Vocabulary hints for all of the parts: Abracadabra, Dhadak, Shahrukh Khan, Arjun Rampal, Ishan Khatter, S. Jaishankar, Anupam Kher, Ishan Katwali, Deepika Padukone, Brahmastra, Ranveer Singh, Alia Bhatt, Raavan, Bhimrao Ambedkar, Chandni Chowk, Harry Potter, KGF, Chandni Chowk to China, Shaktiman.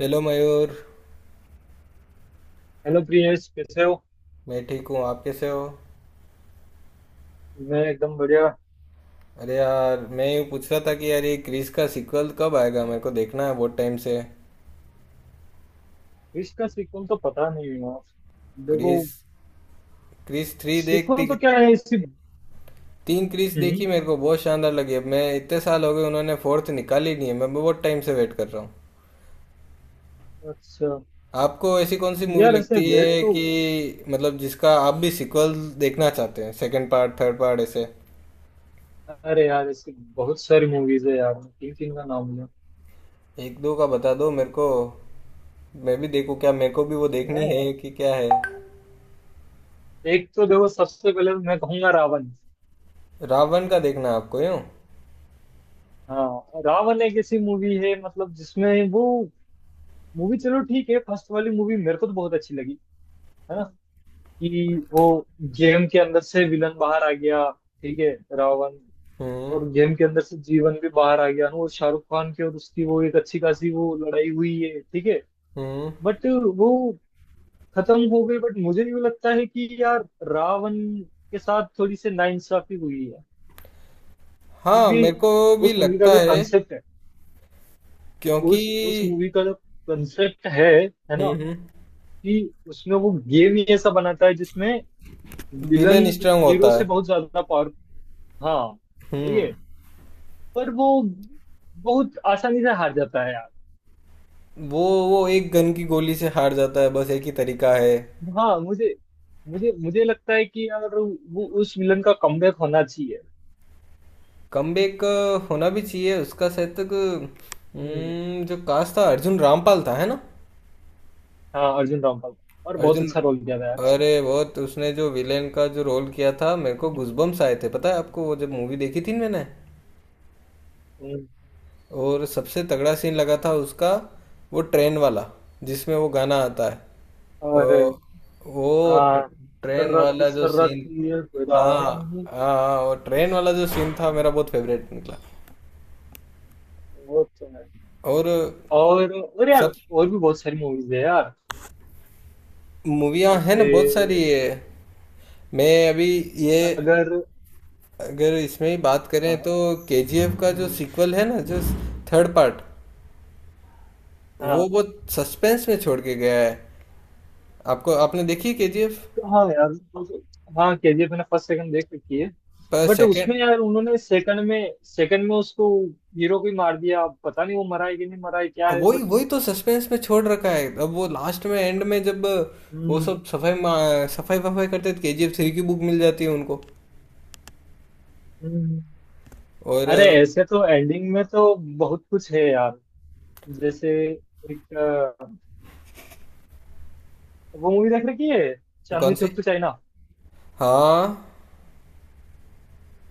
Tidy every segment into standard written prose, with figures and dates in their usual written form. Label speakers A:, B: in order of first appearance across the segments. A: Hello Mayur.
B: Hello Priyesh कैसे हो।
A: मैं ठीक हूँ, आप कैसे हो?
B: मैं एकदम बढ़िया।
A: अरे यार, मैं यूँ पूछ रहा था कि यार ये क्रिस का सीक्वल कब आएगा, मेरे को देखना है बहुत टाइम से।
B: विश का सीक्वेंस तो पता नहीं है यार। देखो
A: क्रिस क्रिस थ्री देख ती,
B: सीक्वेंस तो क्या है इसकी।
A: तीन क्रिस
B: हम्म
A: देखी, मेरे को बहुत शानदार लगी। अब मैं, इतने साल हो गए, उन्होंने फोर्थ निकाली नहीं है, मैं बहुत टाइम से वेट कर रहा हूँ।
B: अच्छा।
A: आपको ऐसी कौन सी मूवी
B: यार ऐसे
A: लगती
B: वेट
A: है
B: तो।
A: कि मतलब जिसका आप भी सीक्वल देखना चाहते हैं, सेकंड पार्ट, थर्ड पार्ट ऐसे?
B: अरे यार इसकी बहुत सारी मूवीज है यार, मैं तीन तीन का नाम लिया।
A: एक दो का बता दो मेरे को, मैं भी देखूँ। क्या मेरे को भी वो देखनी
B: मैं
A: है कि क्या है?
B: एक तो देखो, सबसे पहले मैं कहूंगा रावण।
A: रावण का देखना है आपको यूं?
B: हाँ रावण एक ऐसी मूवी है मतलब जिसमें वो मूवी, चलो ठीक है, फर्स्ट वाली मूवी मेरे को तो बहुत अच्छी लगी, है ना, कि वो गेम के अंदर से विलन बाहर आ गया, ठीक है, रावण।
A: हम्म।
B: और गेम के अंदर से जीवन भी बाहर आ गया ना, और शाहरुख खान के और उसकी वो एक अच्छी खासी वो लड़ाई हुई है, ठीक है।
A: हम्म।
B: बट वो खत्म हो गई। बट मुझे यूं लगता है कि यार रावण के साथ थोड़ी सी नाइंसाफी हुई है,
A: हाँ
B: क्योंकि
A: मेरे को भी
B: उस मूवी का
A: लगता
B: जो
A: है
B: कंसेप्ट है,
A: क्योंकि।
B: उस मूवी का जो कंसेप्ट है ना,
A: हम्म। हम्म।
B: कि उसमें वो गेम ही ऐसा बनाता है जिसमें विलन
A: विलेन स्ट्रांग
B: हीरो
A: होता है।
B: से बहुत ज्यादा पावर। हाँ, ठीक
A: हम्म।
B: है, पर वो बहुत आसानी से हार जाता है यार।
A: वो एक गन की गोली से हार जाता है, बस एक ही तरीका है।
B: हाँ मुझे, मुझे लगता है कि यार वो उस विलन का कमबैक होना चाहिए।
A: कमबैक होना भी चाहिए उसका, शायद तक।
B: हम्म।
A: हम्म। जो कास्ट था अर्जुन रामपाल था, है ना?
B: हाँ अर्जुन रामपाल का। और बहुत
A: अर्जुन
B: अच्छा रोल किया था यार उसने।
A: अरे बहुत उसने जो विलेन का जो रोल किया था, मेरे को गूजबम्स आए थे, पता है आपको, वो जब मूवी देखी थी ना मैंने।
B: हम्म।
A: और सबसे तगड़ा सीन लगा था उसका, वो ट्रेन वाला जिसमें वो गाना आता है।
B: और
A: वो, वो ट्र,
B: हाँ
A: ट्रेन
B: सर्राती
A: वाला जो सीन।
B: सर्राती, ये
A: हाँ
B: राहें नहीं।
A: हाँ हाँ, वो ट्रेन वाला जो सीन था
B: हाँ,
A: मेरा बहुत फेवरेट निकला।
B: वो तो है।
A: और
B: और यार,
A: सब
B: और भी बहुत सारी मूवीज है यार,
A: मूवियाँ हैं ना,
B: जैसे
A: बहुत सारी है। मैं अभी ये
B: अगर।
A: अगर इसमें ही बात करें
B: हाँ
A: तो केजीएफ का जो सीक्वल है ना, जो थर्ड पार्ट, वो
B: हाँ
A: बहुत सस्पेंस में छोड़ के गया है। आपको, आपने देखी केजीएफ?
B: हाँ यार। हाँ केजीएफ मैंने फर्स्ट सेकंड देख रखी है,
A: पर
B: बट
A: सेकंड,
B: उसमें यार उन्होंने सेकंड में, सेकंड में उसको हीरो को ही मार दिया। अब पता नहीं वो मरा है कि नहीं मरा है क्या
A: अब
B: है,
A: वही
B: बट।
A: वही तो सस्पेंस में छोड़ रखा है। अब वो लास्ट में, एंड में, जब वो
B: हम्म।
A: सब सफाई वफाई करते तो केजीएफ थ्री की बुक मिल जाती है उनको।
B: हम्म।
A: और
B: अरे ऐसे तो एंडिंग में तो बहुत कुछ है यार, जैसे एक वो मूवी देख रखी है,
A: कौन
B: चांदनी
A: सी?
B: Chowk to China.
A: हाँ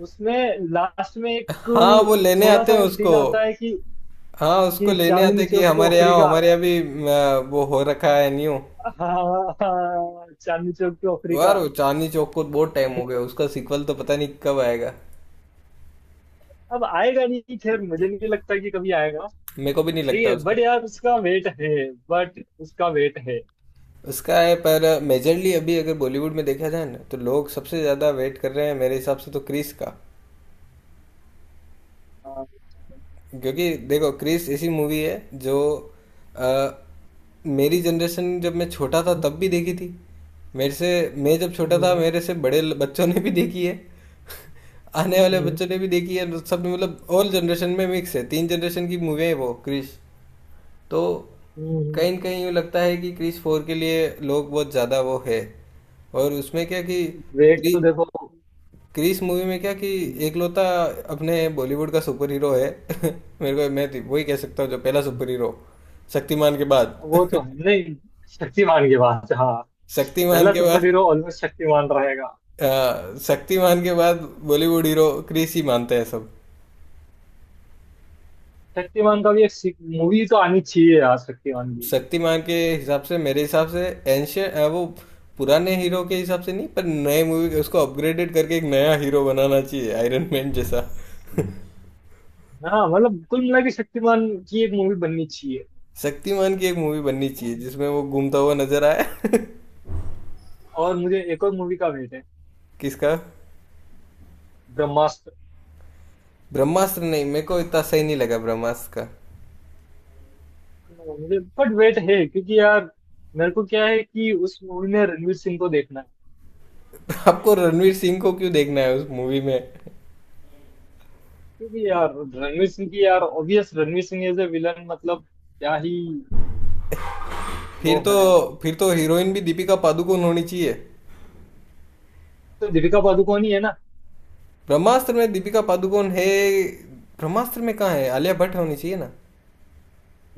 B: उसमें लास्ट में
A: हाँ,
B: एक
A: वो लेने
B: थोड़ा
A: आते
B: सा
A: हैं
B: वो
A: उसको।
B: सीन आता है
A: हाँ उसको
B: कि
A: लेने आते
B: चांदनी
A: हैं कि
B: चौक टू
A: हमारे यहाँ,
B: अफ्रीका।
A: हमारे यहाँ भी। वो हो रखा है न्यू।
B: हाँ हाँ, हाँ, चांदनी चौक टू अफ्रीका।
A: यार वो चांदनी चौक को बहुत टाइम हो गया, उसका सीक्वल तो पता नहीं कब आएगा।
B: अब आएगा नहीं, खैर मुझे नहीं लगता कि कभी आएगा।
A: मेरे को भी नहीं
B: ठीक
A: लगता
B: है
A: उसका।
B: बट यार उसका वेट है, बट उसका वेट है।
A: उसका है पर मेजरली अभी अगर बॉलीवुड में देखा जाए ना तो लोग सबसे ज़्यादा वेट कर रहे हैं मेरे हिसाब से तो क्रिस का। क्योंकि देखो क्रिस ऐसी मूवी है जो अ, मेरी जनरेशन जब मैं छोटा था तब भी देखी थी। मेरे से मैं जब छोटा था, मेरे से बड़े बच्चों ने भी देखी है। आने वाले बच्चों ने भी देखी है, सब ने, मतलब ऑल जनरेशन में मिक्स है, तीन जनरेशन की मूवी है वो क्रिस। तो कहीं न कहीं यूँ लगता है कि क्रिस फोर के लिए लोग बहुत ज़्यादा वो है। और उसमें क्या कि
B: वेट
A: क्रि-
B: तो देखो।
A: क्रिस मूवी में क्या कि
B: हम्म,
A: एकलौता अपने बॉलीवुड का सुपर हीरो है मेरे को, मैं तो वही कह सकता हूँ जो पहला सुपर हीरो शक्तिमान के
B: वो तो
A: बाद
B: है नहीं। शक्तिमान के बाद हाँ,
A: शक्तिमान
B: पहला
A: के
B: सुपर
A: बाद।
B: हीरो ऑलमोस्ट शक्तिमान रहेगा।
A: शक्तिमान के बाद बॉलीवुड हीरो क्रिस ही मानते हैं सब।
B: शक्तिमान का भी एक मूवी तो आनी चाहिए यार, शक्तिमान मूवी।
A: शक्तिमान के हिसाब से, मेरे हिसाब से, एंशियन वो पुराने हीरो के हिसाब से नहीं, पर नए मूवी उसको अपग्रेडेड करके एक नया हीरो बनाना चाहिए आयरन मैन जैसा।
B: हाँ मतलब कुल मिला के शक्तिमान की एक मूवी बननी चाहिए।
A: शक्तिमान की एक मूवी बननी चाहिए जिसमें वो घूमता हुआ नजर आए
B: और मुझे एक और मूवी का वेट है।
A: किसका?
B: ब्रह्मास्त्र।
A: ब्रह्मास्त्र नहीं, मेरे को इतना सही नहीं लगा ब्रह्मास्त्र का।
B: हाँ, मुझे बट वेट है क्योंकि यार, मेरे को क्या है कि उस मूवी में रणवीर सिंह को देखना है।
A: आपको रणवीर सिंह को क्यों देखना है उस मूवी में?
B: क्योंकि यार रणवीर सिंह की, यार obvious Ranveer Singh as a villain, मतलब क्या ही वो
A: फिर तो
B: है।
A: फिर तो हीरोइन भी दीपिका पादुकोण होनी चाहिए।
B: तो दीपिका पादुकोण ही है ना।
A: ब्रह्मास्त्र में दीपिका पादुकोण है? ब्रह्मास्त्र में कहाँ है, आलिया भट्ट होनी चाहिए ना।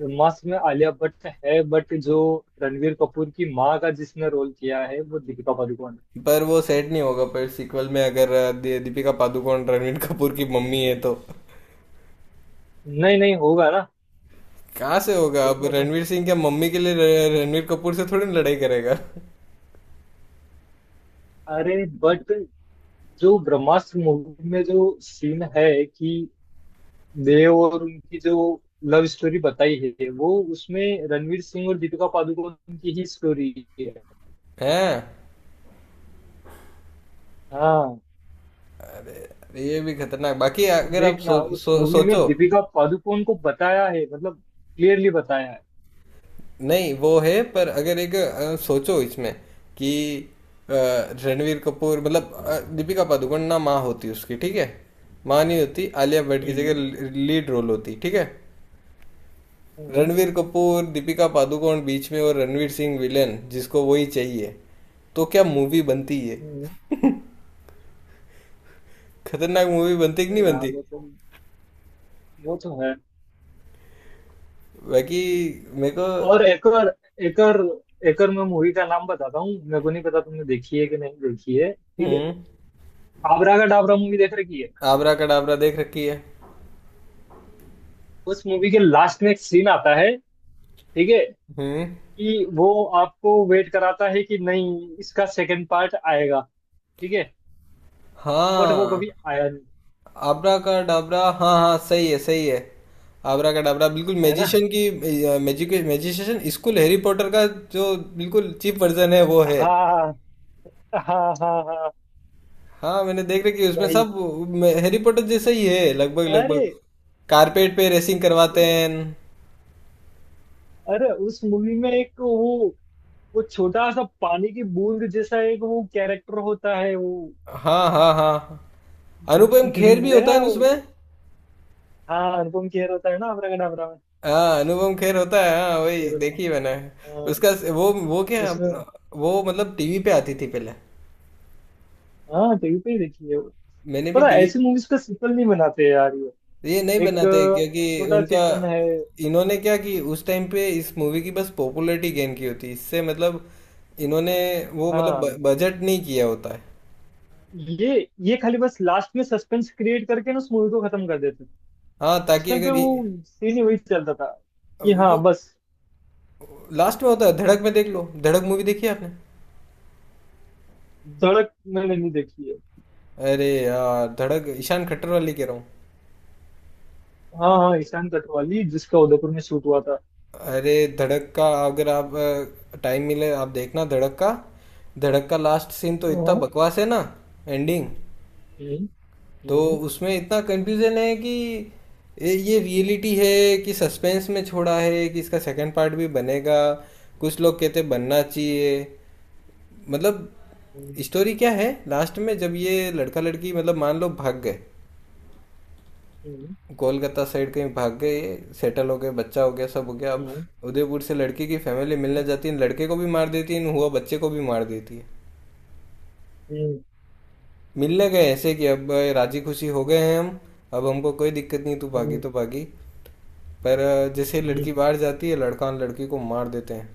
B: जो मास्क में आलिया भट्ट है, बट जो रणवीर कपूर की माँ का जिसने रोल किया है वो दीपिका पादुकोण
A: पर वो सेट नहीं होगा, पर सीक्वल में अगर दीपिका पादुकोण रणवीर कपूर की मम्मी है तो
B: है। नहीं नहीं होगा ना।
A: कहाँ से होगा? अब
B: देखना तुम।
A: रणवीर सिंह क्या मम्मी के लिए रणवीर कपूर से थोड़ी ना लड़ाई करेगा?
B: अरे बट जो ब्रह्मास्त्र मूवी में जो सीन है कि देव और उनकी जो लव स्टोरी बताई है, वो उसमें रणवीर सिंह और दीपिका पादुकोण की ही स्टोरी है।
A: है।
B: हाँ,
A: ये भी खतरनाक, बाकी
B: तो
A: अगर आप
B: देखना उस मूवी में
A: सोचो।
B: दीपिका पादुकोण को बताया है, मतलब क्लियरली बताया है।
A: नहीं वो है पर अगर एक सोचो इसमें कि अ, रणवीर कपूर मतलब दीपिका पादुकोण ना माँ होती उसकी, ठीक है। माँ नहीं होती, आलिया भट्ट की जगह
B: हम्म।
A: लीड रोल होती, ठीक है।
B: हम्म।
A: रणवीर कपूर दीपिका पादुकोण बीच में और रणवीर सिंह विलेन जिसको वही चाहिए, तो क्या मूवी बनती है?
B: हम्म।
A: खतरनाक मूवी बनती कि
B: तो
A: नहीं
B: यार
A: बनती?
B: वो तो, वो तो है।
A: बाकी मेरे को।
B: और एकर एकर एकर मैं मूवी का नाम बताता हूँ, मेरे को नहीं पता तुमने देखी है कि नहीं देखी है, ठीक है।
A: हम्म।
B: आबरा का डाबरा मूवी देख रखी है।
A: आबरा कडाबरा देख रखी है?
B: उस मूवी के लास्ट में एक सीन आता है, ठीक है,
A: हम्म।
B: कि वो आपको वेट कराता है कि नहीं इसका सेकंड पार्ट आएगा, ठीक है। बट वो
A: हाँ।
B: कभी आया नहीं।
A: आबरा का डाबरा, हाँ हाँ, सही है सही है। आबरा का डाबरा बिल्कुल
B: है ना।
A: मैजिशियन की। मैजिशियन स्कूल हैरी पॉटर का जो बिल्कुल चीप वर्जन है वो है।
B: हाँ हाँ हाँ। हाँ
A: हाँ मैंने देख रखी है उसमें
B: वही।
A: सब। हैरी पॉटर जैसा ही है लगभग
B: अरे
A: लगभग। कारपेट पे रेसिंग करवाते
B: उस,
A: हैं।
B: अरे उस मूवी में एक वो छोटा सा पानी की बूंद जैसा एक वो कैरेक्टर होता है वो।
A: हाँ हाँ हाँ। अनुपम खेर भी होता
B: देखा
A: है
B: है
A: ना
B: वो।
A: उसमें?
B: हाँ अनुपम खेर होता है ना, अपना का नाम रावण
A: हाँ अनुपम खेर होता है, हाँ वही
B: खेर होता
A: देखी मैंने।
B: है। हाँ,
A: उसका वो क्या,
B: उसमें।
A: वो मतलब टीवी पे आती थी पहले।
B: हाँ टीवी पे ही देखी है वो।
A: मैंने भी
B: पता है,
A: टीवी।
B: ऐसी मूवीज का सीक्वल नहीं बनाते यार ये,
A: ये नहीं
B: एक
A: बनाते क्योंकि
B: छोटा
A: उनका,
B: चेतन है।
A: इन्होंने क्या कि उस टाइम पे इस मूवी की बस पॉपुलैरिटी गेन की होती इससे मतलब, इन्होंने वो मतलब
B: हाँ
A: बजट नहीं किया होता है।
B: ये ये खाली बस लास्ट में सस्पेंस क्रिएट करके ना उस मूवी को खत्म कर देते।
A: हाँ
B: उस
A: ताकि
B: टाइम पे
A: अगर
B: वो सीन ही वही चलता था कि
A: वो
B: हाँ बस।
A: लास्ट में होता है। धड़क में देख लो, धड़क मूवी देखी है आपने?
B: धड़क मैंने नहीं देखी है।
A: अरे यार धड़क, ईशान खट्टर वाली कह रहा हूँ।
B: हाँ हाँ ईशान कटवाली, जिसका उदयपुर में शूट हुआ था।
A: अरे धड़क का अगर आप टाइम मिले आप देखना धड़क का। धड़क का लास्ट सीन तो इतना
B: हाँ।
A: बकवास है ना, एंडिंग।
B: हम्म।
A: तो
B: हम्म।
A: उसमें इतना कंफ्यूजन है कि ये रियलिटी है कि सस्पेंस में छोड़ा है कि इसका सेकंड पार्ट भी बनेगा, कुछ लोग कहते बनना चाहिए मतलब।
B: हम्म।
A: स्टोरी क्या है, लास्ट में जब ये लड़का लड़की मतलब मान लो भाग गए,
B: हम्म।
A: कोलकाता साइड कहीं भाग गए, सेटल हो गए, बच्चा हो गया, सब हो गया। अब
B: हम्म।
A: उदयपुर से लड़की की फैमिली
B: हम्म,
A: मिलने जाती है, लड़के को भी मार देती है, इन हुआ, बच्चे को भी मार देती है।
B: हम्म,
A: मिलने गए ऐसे कि अब राजी खुशी हो गए हैं हम, अब हमको कोई दिक्कत नहीं, तू भागी
B: हम्म,
A: तो भागी। पर जैसे लड़की
B: हम्म।
A: बाहर जाती है, लड़का लड़की को मार देते हैं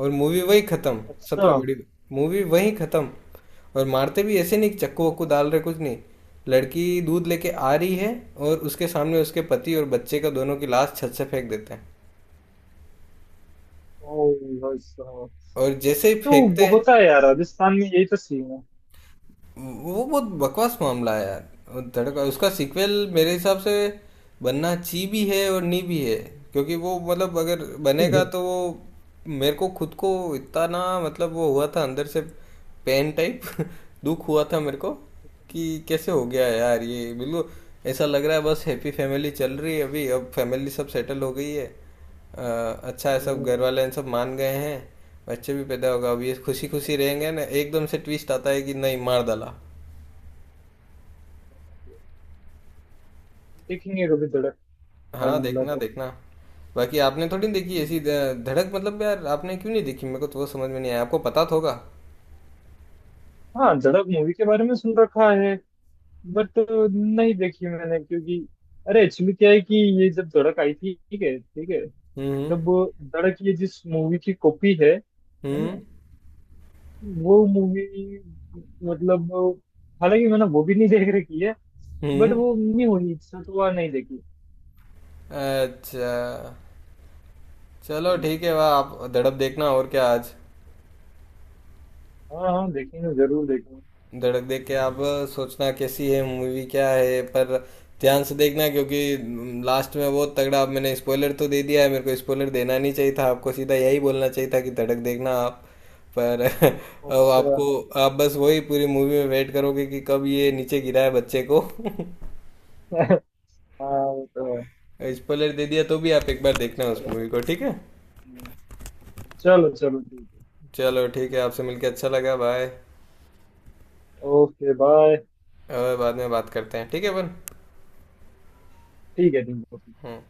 A: और मूवी वही खत्म।
B: अच्छा।
A: सबसे बड़ी, मूवी वही खत्म। और मारते भी ऐसे नहीं कि चक्कू वक्कू
B: अच्छा।
A: डाल रहे, कुछ नहीं। लड़की दूध लेके आ रही है और उसके सामने उसके पति और बच्चे का, दोनों की लाश छत से फेंक देते हैं।
B: ओ भाई साहब,
A: और जैसे ही
B: तो
A: फेंकते हैं,
B: होता है यार, राजस्थान में यही तो सीन है।
A: वो बहुत बकवास मामला है यार वो धड़का। उसका सीक्वल मेरे हिसाब से बनना ची भी है और नी भी है क्योंकि वो मतलब अगर बनेगा तो वो मेरे को खुद को इतना ना, मतलब वो हुआ था अंदर से पेन टाइप दुख हुआ था मेरे को कि कैसे हो गया यार ये बिल्कुल ऐसा लग रहा है। बस हैप्पी फैमिली चल रही है अभी, अब फैमिली सब सेटल हो गई है। अ, अच्छा है सब
B: हम्म,
A: घर वाले इन सब मान गए हैं। बच्चे भी पैदा होगा, अब ये खुशी खुशी रहेंगे ना, एकदम से ट्विस्ट आता है कि नहीं मार डाला।
B: देखेंगे कभी धड़क, टाइम
A: हाँ
B: मिला
A: देखना
B: तो।
A: देखना। बाकी आपने थोड़ी देखी ऐसी धड़क, मतलब यार आपने क्यों नहीं देखी, मेरे को तो वो समझ में नहीं आया, आपको पता तो होगा।
B: हाँ धड़क मूवी के बारे में सुन रखा है, बट नहीं देखी मैंने, क्योंकि अरे एक्चुअली क्या है कि ये जब धड़क आई थी, ठीक है ठीक है,
A: हम्म।
B: तब धड़क, ये जिस मूवी की कॉपी है
A: हम्म।
B: ना, वो मूवी, मतलब हालांकि मैंने वो भी नहीं देख रखी है, बट
A: हम्म।
B: वो नहीं हुई इच्छा तो वह नहीं देखी।
A: अच्छा चलो ठीक है, वाह आप धड़क देखना और क्या आज।
B: हाँ हाँ देखेंगे जरूर देखेंगे।
A: धड़क देख के आप सोचना कैसी है मूवी क्या है, पर ध्यान से देखना क्योंकि लास्ट में बहुत तगड़ा। अब मैंने स्पॉइलर तो दे दिया है, मेरे को स्पॉइलर देना नहीं चाहिए था, आपको सीधा यही बोलना चाहिए था कि धड़क देखना आप, पर अब
B: अच्छा।
A: आपको, आप बस वही पूरी मूवी में वेट करोगे कि कब ये नीचे गिरा है बच्चे को
B: हाँ वो तो है।
A: स्पॉइलर दे दिया तो भी आप एक बार देखना उस
B: चलो,
A: मूवी को, ठीक है।
B: चलो चलो ठीक
A: चलो ठीक है, आपसे मिलके अच्छा लगा, बाय।
B: है। Okay bye.
A: और बाद में बात करते हैं, ठीक है अपन।
B: ठीक है ठीक है।
A: हम्म।